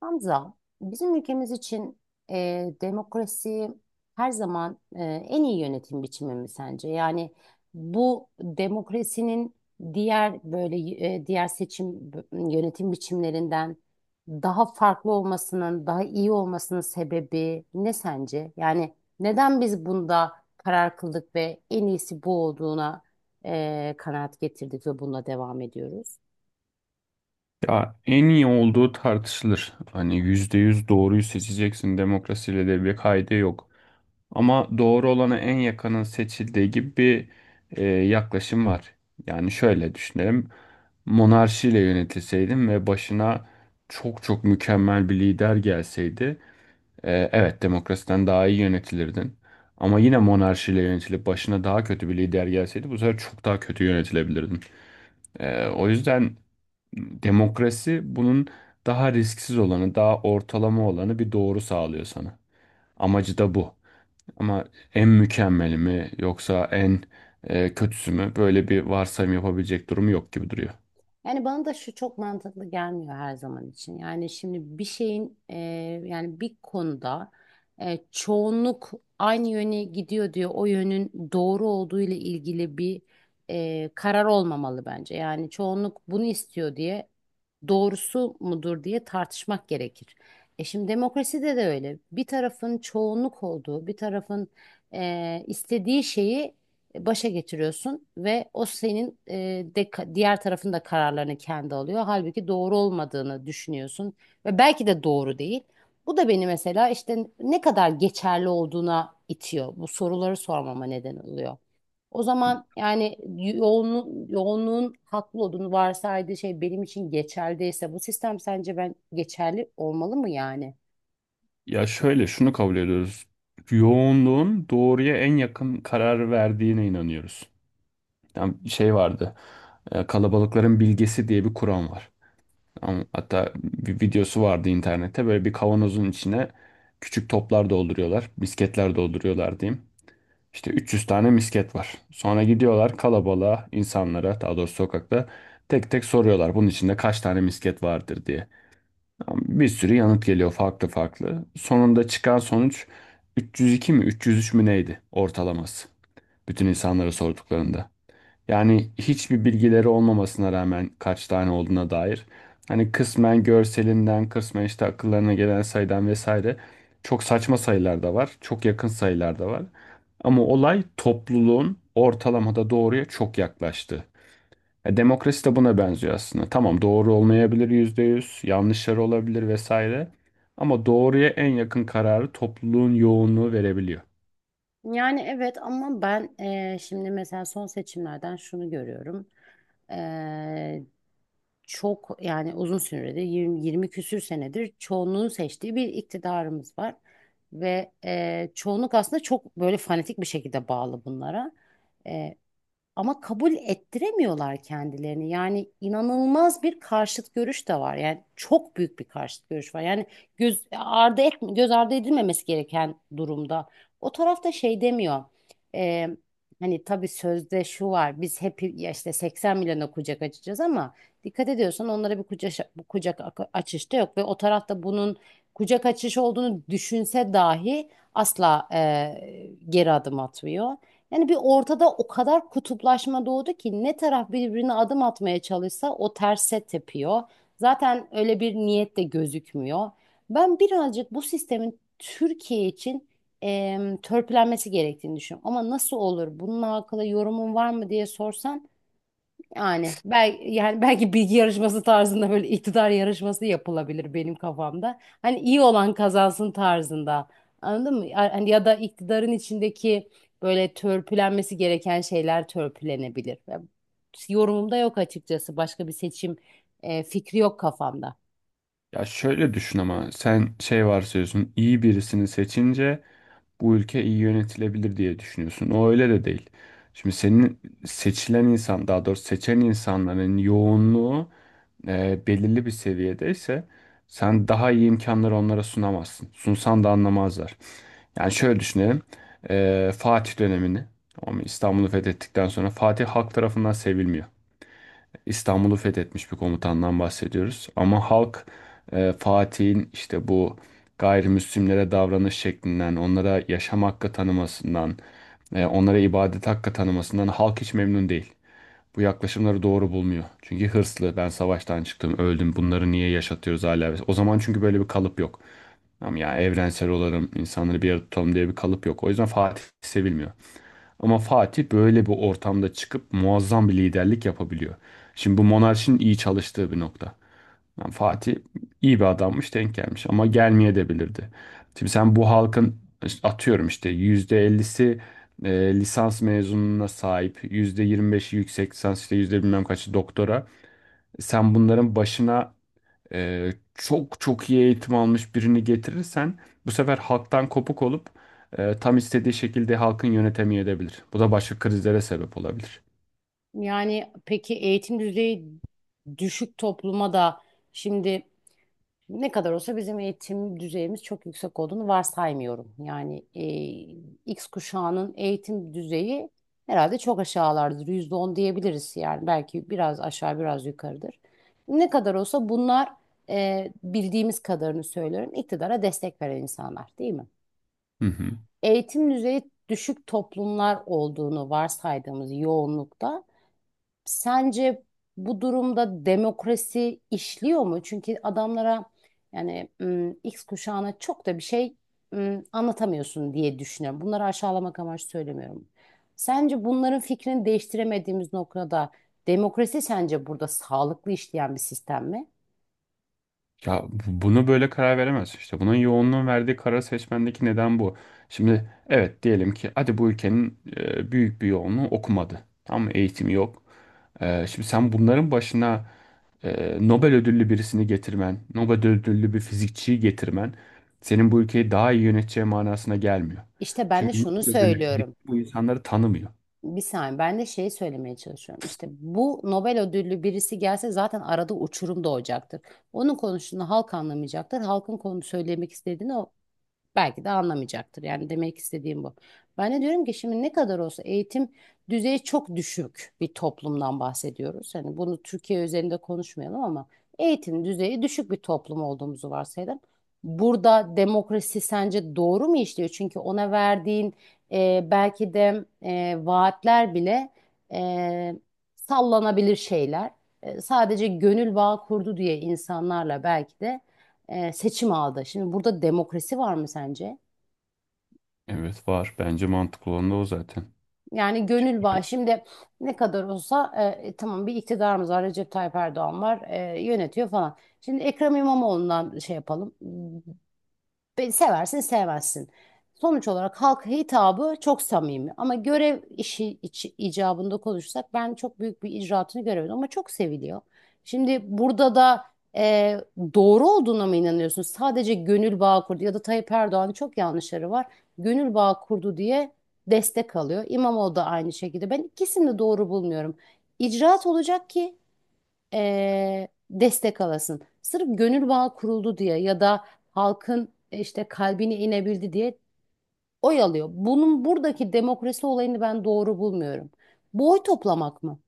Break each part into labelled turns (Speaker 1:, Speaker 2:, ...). Speaker 1: Hamza, bizim ülkemiz için demokrasi her zaman en iyi yönetim biçimi mi sence? Yani bu demokrasinin diğer böyle diğer seçim yönetim biçimlerinden daha farklı olmasının, daha iyi olmasının sebebi ne sence? Yani neden biz bunda karar kıldık ve en iyisi bu olduğuna kanaat getirdik ve bununla devam ediyoruz?
Speaker 2: Ya en iyi olduğu tartışılır. Hani %100 doğruyu seçeceksin demokrasiyle de bir kaydı yok. Ama doğru olana en yakının seçildiği gibi bir yaklaşım var. Yani şöyle düşünelim. Monarşiyle yönetilseydim ve başına çok çok mükemmel bir lider gelseydi, evet demokrasiden daha iyi yönetilirdin. Ama yine monarşiyle yönetilip başına daha kötü bir lider gelseydi bu sefer çok daha kötü yönetilebilirdin. O yüzden demokrasi bunun daha risksiz olanı, daha ortalama olanı bir doğru sağlıyor sana. Amacı da bu. Ama en mükemmeli mi yoksa en kötüsü mü? Böyle bir varsayım yapabilecek durumu yok gibi duruyor.
Speaker 1: Yani bana da şu çok mantıklı gelmiyor her zaman için. Yani şimdi bir şeyin yani bir konuda çoğunluk aynı yöne gidiyor diyor. O yönün doğru olduğu ile ilgili bir karar olmamalı bence. Yani çoğunluk bunu istiyor diye doğrusu mudur diye tartışmak gerekir. Şimdi demokraside de öyle. Bir tarafın çoğunluk olduğu, bir tarafın istediği şeyi başa getiriyorsun ve o senin diğer tarafın da kararlarını kendi alıyor. Halbuki doğru olmadığını düşünüyorsun ve belki de doğru değil. Bu da beni mesela işte ne kadar geçerli olduğuna itiyor. Bu soruları sormama neden oluyor. O zaman yani yoğunluğun haklı olduğunu varsaydığı şey benim için geçerliyse bu sistem sence ben geçerli olmalı mı yani?
Speaker 2: Ya şöyle şunu kabul ediyoruz. Yoğunluğun doğruya en yakın karar verdiğine inanıyoruz. Yani şey vardı. Kalabalıkların bilgesi diye bir kuram var. Ama hatta bir videosu vardı internette. Böyle bir kavanozun içine küçük toplar dolduruyorlar. Misketler dolduruyorlar diyeyim. İşte 300 tane misket var. Sonra gidiyorlar kalabalığa, insanlara, daha doğrusu sokakta tek tek soruyorlar bunun içinde kaç tane misket vardır diye. Ama bir sürü yanıt geliyor farklı farklı. Sonunda çıkan sonuç 302 mi 303 mü neydi ortalaması? Bütün insanlara sorduklarında. Yani hiçbir bilgileri olmamasına rağmen kaç tane olduğuna dair. Hani kısmen görselinden, kısmen işte akıllarına gelen sayıdan vesaire. Çok saçma sayılar da var, çok yakın sayılar da var. Ama olay topluluğun ortalamada doğruya çok yaklaştı. Ya demokrasi de buna benziyor aslında. Tamam doğru olmayabilir %100, yanlışları olabilir vesaire. Ama doğruya en yakın kararı topluluğun yoğunluğu verebiliyor.
Speaker 1: Yani evet, ama ben şimdi mesela son seçimlerden şunu görüyorum. Eee, Çok yani uzun süredir 20, 20 küsür senedir çoğunluğun seçtiği bir iktidarımız var. Ve çoğunluk aslında çok böyle fanatik bir şekilde bağlı bunlara ama kabul ettiremiyorlar kendilerini. Yani inanılmaz bir karşıt görüş de var. Yani çok büyük bir karşıt görüş var. Yani göz ardı edilmemesi gereken durumda. O tarafta şey demiyor. Ee, Hani tabii sözde şu var. Biz hep ya işte 80 milyona kucak açacağız ama dikkat ediyorsan onlara bir kucak açış da yok ve o tarafta bunun kucak açış olduğunu düşünse dahi asla geri adım atmıyor. Yani bir ortada o kadar kutuplaşma doğdu ki ne taraf birbirine adım atmaya çalışsa o terse tepiyor. Zaten öyle bir niyet de gözükmüyor. Ben birazcık bu sistemin Türkiye için törpülenmesi gerektiğini düşünüyorum. Ama nasıl olur? Bununla alakalı yorumun var mı diye sorsan yani belki bilgi yarışması tarzında böyle iktidar yarışması yapılabilir benim kafamda. Hani iyi olan kazansın tarzında. Anladın mı? Hani ya da iktidarın içindeki böyle törpülenmesi gereken şeyler törpülenebilir. Ya, yorumumda yok açıkçası. Başka bir seçim fikri yok kafamda.
Speaker 2: Ya şöyle düşün ama sen şey varsayıyorsun iyi birisini seçince bu ülke iyi yönetilebilir diye düşünüyorsun. O öyle de değil. Şimdi senin seçilen insan, daha doğrusu seçen insanların yoğunluğu belirli bir seviyedeyse sen daha iyi imkanları onlara sunamazsın. Sunsan da anlamazlar. Yani şöyle düşünelim. Fatih dönemini, ama İstanbul'u fethettikten sonra Fatih halk tarafından sevilmiyor. İstanbul'u fethetmiş bir komutandan bahsediyoruz. Ama halk Fatih'in işte bu gayrimüslimlere davranış şeklinden, onlara yaşam hakkı tanımasından, onlara ibadet hakkı tanımasından halk hiç memnun değil. Bu yaklaşımları doğru bulmuyor. Çünkü hırslı, ben savaştan çıktım, öldüm, bunları niye yaşatıyoruz hala? O zaman çünkü böyle bir kalıp yok. Ama ya evrensel olalım, insanları bir arada tutalım diye bir kalıp yok. O yüzden Fatih sevilmiyor. Ama Fatih böyle bir ortamda çıkıp muazzam bir liderlik yapabiliyor. Şimdi bu monarşinin iyi çalıştığı bir nokta. Yani Fatih iyi bir adammış denk gelmiş ama gelmeye de bilirdi. Şimdi sen bu halkın işte atıyorum işte %50'si lisans mezununa sahip, %25'i yüksek lisans işte yüzde bilmem kaçı doktora. Sen bunların başına çok çok iyi eğitim almış birini getirirsen bu sefer halktan kopuk olup tam istediği şekilde halkın yönetemiyor edebilir. Bu da başka krizlere sebep olabilir.
Speaker 1: Yani peki, eğitim düzeyi düşük topluma da şimdi ne kadar olsa bizim eğitim düzeyimiz çok yüksek olduğunu varsaymıyorum. Yani X kuşağının eğitim düzeyi herhalde çok aşağılardır. %10 diyebiliriz yani. Belki biraz aşağı biraz yukarıdır. Ne kadar olsa bunlar bildiğimiz kadarını söylüyorum. İktidara destek veren insanlar değil mi?
Speaker 2: Hı hı.
Speaker 1: Eğitim düzeyi düşük toplumlar olduğunu varsaydığımız yoğunlukta sence bu durumda demokrasi işliyor mu? Çünkü adamlara yani X kuşağına çok da bir şey anlatamıyorsun diye düşünüyorum. Bunları aşağılamak amaçlı söylemiyorum. Sence bunların fikrini değiştiremediğimiz noktada demokrasi sence burada sağlıklı işleyen bir sistem mi?
Speaker 2: Bunu böyle karar veremez işte. Bunun yoğunluğun verdiği karar seçmendeki neden bu. Şimdi evet diyelim ki hadi bu ülkenin büyük bir yoğunluğu okumadı. Tam eğitim yok. Şimdi sen bunların başına Nobel ödüllü birisini getirmen, Nobel ödüllü bir fizikçiyi getirmen senin bu ülkeyi daha iyi yöneteceği manasına gelmiyor.
Speaker 1: İşte ben de
Speaker 2: Çünkü
Speaker 1: şunu
Speaker 2: Nobel ödüllü fizikçi
Speaker 1: söylüyorum.
Speaker 2: bu insanları tanımıyor.
Speaker 1: Bir saniye, ben de şeyi söylemeye çalışıyorum. İşte bu Nobel ödüllü birisi gelse zaten arada uçurum doğacaktır. Onun konuştuğunu halk anlamayacaktır. Halkın konu söylemek istediğini o belki de anlamayacaktır. Yani demek istediğim bu. Ben de diyorum ki şimdi ne kadar olsa eğitim düzeyi çok düşük bir toplumdan bahsediyoruz. Hani bunu Türkiye üzerinde konuşmayalım ama eğitim düzeyi düşük bir toplum olduğumuzu varsayalım. Burada demokrasi sence doğru mu işliyor? Çünkü ona verdiğin belki de vaatler bile e, sallanabilir şeyler. Sadece gönül bağı kurdu diye insanlarla belki de seçim aldı. Şimdi burada demokrasi var mı sence?
Speaker 2: Evet var. Bence mantıklı olan da o zaten.
Speaker 1: Yani gönül bağı şimdi ne kadar olsa tamam, bir iktidarımız var, Recep Tayyip Erdoğan var, yönetiyor falan. Şimdi Ekrem İmamoğlu'ndan şey yapalım. Seversin sevmezsin. Sonuç olarak halka hitabı çok samimi ama görev işi icabında konuşsak ben çok büyük bir icraatını göremedim ama çok seviliyor. Şimdi burada da e, doğru olduğuna mı inanıyorsun? Sadece gönül bağı kurdu ya da Tayyip Erdoğan'ın çok yanlışları var. Gönül bağı kurdu diye destek alıyor. İmamoğlu da aynı şekilde. Ben ikisini de doğru bulmuyorum. İcraat olacak ki destek alasın. Sırf gönül bağı kuruldu diye ya da halkın işte kalbine inebildi diye oy alıyor. Bunun buradaki demokrasi olayını ben doğru bulmuyorum. Bu oy toplamak mı?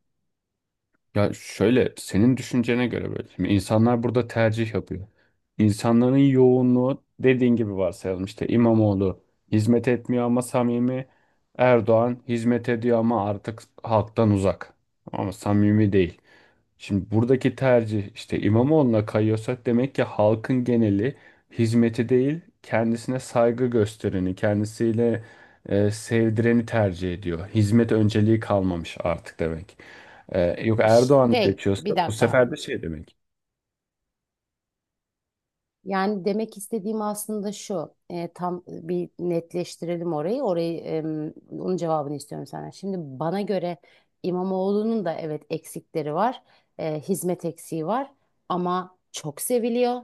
Speaker 2: Ya şöyle senin düşüncene göre böyle. Şimdi insanlar burada tercih yapıyor. İnsanların yoğunluğu dediğin gibi varsayalım işte İmamoğlu hizmet etmiyor ama samimi. Erdoğan hizmet ediyor ama artık halktan uzak. Ama samimi değil. Şimdi buradaki tercih işte İmamoğlu'na kayıyorsa demek ki halkın geneli hizmeti değil kendisine saygı göstereni, kendisiyle sevdireni tercih ediyor. Hizmet önceliği kalmamış artık demek. Yok Erdoğan'ı
Speaker 1: Şey,
Speaker 2: seçiyorsa
Speaker 1: bir
Speaker 2: bu
Speaker 1: dakika.
Speaker 2: sefer de şey demek.
Speaker 1: Yani demek istediğim aslında şu, tam bir netleştirelim orayı. Orayı, onun cevabını istiyorum senden. Şimdi bana göre İmamoğlu'nun da evet, eksikleri var, hizmet eksiği var ama çok seviliyor.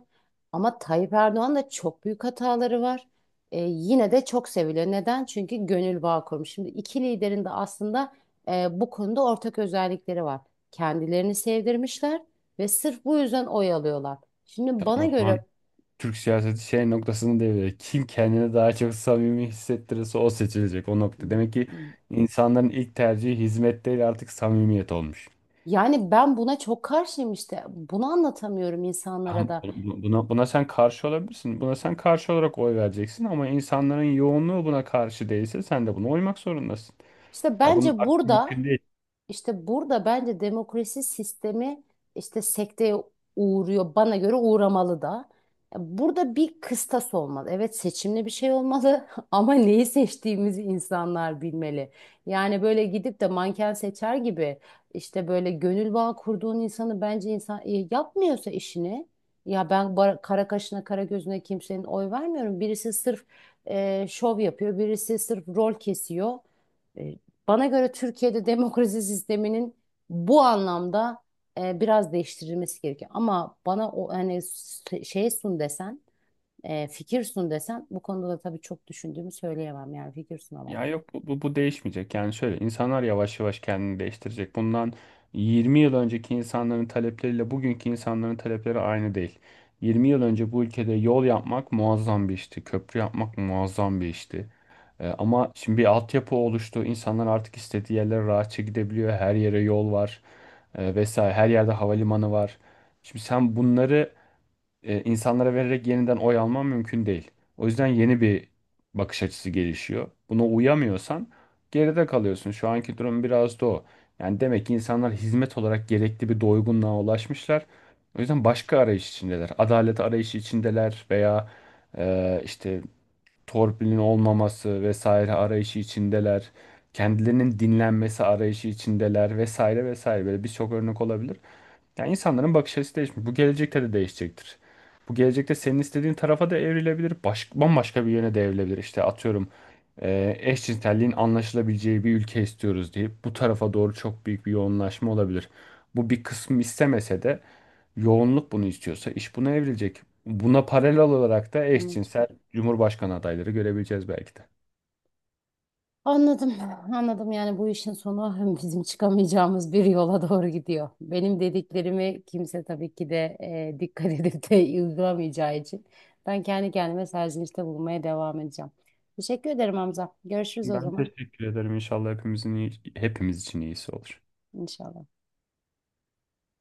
Speaker 1: Ama Tayyip Erdoğan da çok büyük hataları var. Yine de çok seviliyor. Neden? Çünkü gönül bağı kurmuş. Şimdi iki liderin de aslında bu konuda ortak özellikleri var. Kendilerini sevdirmişler ve sırf bu yüzden oy alıyorlar. Şimdi bana
Speaker 2: Tamam o zaman
Speaker 1: göre,
Speaker 2: Türk siyaseti şey noktasını devreye. Kim kendini daha çok samimi hissettirirse o seçilecek o nokta. Demek ki insanların ilk tercihi hizmet değil artık samimiyet olmuş.
Speaker 1: yani ben buna çok karşıyım işte. Bunu anlatamıyorum insanlara
Speaker 2: Ama
Speaker 1: da.
Speaker 2: bu- Buna, buna sen karşı olabilirsin. Buna sen karşı olarak oy vereceksin ama insanların yoğunluğu buna karşı değilse sen de buna uymak zorundasın.
Speaker 1: İşte
Speaker 2: Ya bunun
Speaker 1: bence
Speaker 2: aksi mümkün.
Speaker 1: burada İşte burada bence demokrasi sistemi işte sekteye uğruyor. Bana göre uğramalı da. Ya, burada bir kıstas olmalı. Evet, seçimli bir şey olmalı ama neyi seçtiğimizi insanlar bilmeli. Yani böyle gidip de manken seçer gibi işte böyle gönül bağı kurduğun insanı bence, insan yapmıyorsa işini, ya ben kara kaşına kara gözüne kimsenin oy vermiyorum. Birisi sırf şov yapıyor, birisi sırf rol kesiyor. E, Bana göre Türkiye'de demokrasi sisteminin bu anlamda biraz değiştirilmesi gerekiyor. Ama bana o hani şey sun desen, fikir sun desen bu konuda da tabii çok düşündüğümü söyleyemem, yani fikir sunamam.
Speaker 2: Ya yok bu değişmeyecek. Yani şöyle insanlar yavaş yavaş kendini değiştirecek. Bundan 20 yıl önceki insanların talepleriyle bugünkü insanların talepleri aynı değil. 20 yıl önce bu ülkede yol yapmak muazzam bir işti. Köprü yapmak muazzam bir işti. Ama şimdi bir altyapı oluştu. İnsanlar artık istediği yerlere rahatça gidebiliyor. Her yere yol var. Vesaire. Her yerde havalimanı var. Şimdi sen bunları insanlara vererek yeniden oy alman mümkün değil. O yüzden yeni bir bakış açısı gelişiyor. Buna uyamıyorsan geride kalıyorsun. Şu anki durum biraz da o. Yani demek ki insanlar hizmet olarak gerekli bir doygunluğa ulaşmışlar. O yüzden başka arayış içindeler. Adalet arayışı içindeler veya işte torpilin olmaması vesaire arayışı içindeler. Kendilerinin dinlenmesi arayışı içindeler vesaire vesaire böyle birçok örnek olabilir. Yani insanların bakış açısı değişmiş. Bu gelecekte de değişecektir. Bu gelecekte senin istediğin tarafa da evrilebilir. Baş, bambaşka bir yöne de evrilebilir. İşte atıyorum eşcinselliğin anlaşılabileceği bir ülke istiyoruz deyip bu tarafa doğru çok büyük bir yoğunlaşma olabilir. Bu bir kısmı istemese de yoğunluk bunu istiyorsa iş buna evrilecek. Buna paralel olarak da
Speaker 1: Anladım.
Speaker 2: eşcinsel cumhurbaşkanı adayları görebileceğiz belki de.
Speaker 1: Anladım, anladım yani bu işin sonu bizim çıkamayacağımız bir yola doğru gidiyor. Benim dediklerimi kimse tabii ki de dikkat edip de uygulamayacağı için ben kendi kendime serzenişte bulunmaya devam edeceğim. Teşekkür ederim Hamza. Görüşürüz o
Speaker 2: Ben
Speaker 1: zaman
Speaker 2: teşekkür ederim. İnşallah hepimizin iyi- hepimiz için iyisi olur.
Speaker 1: inşallah.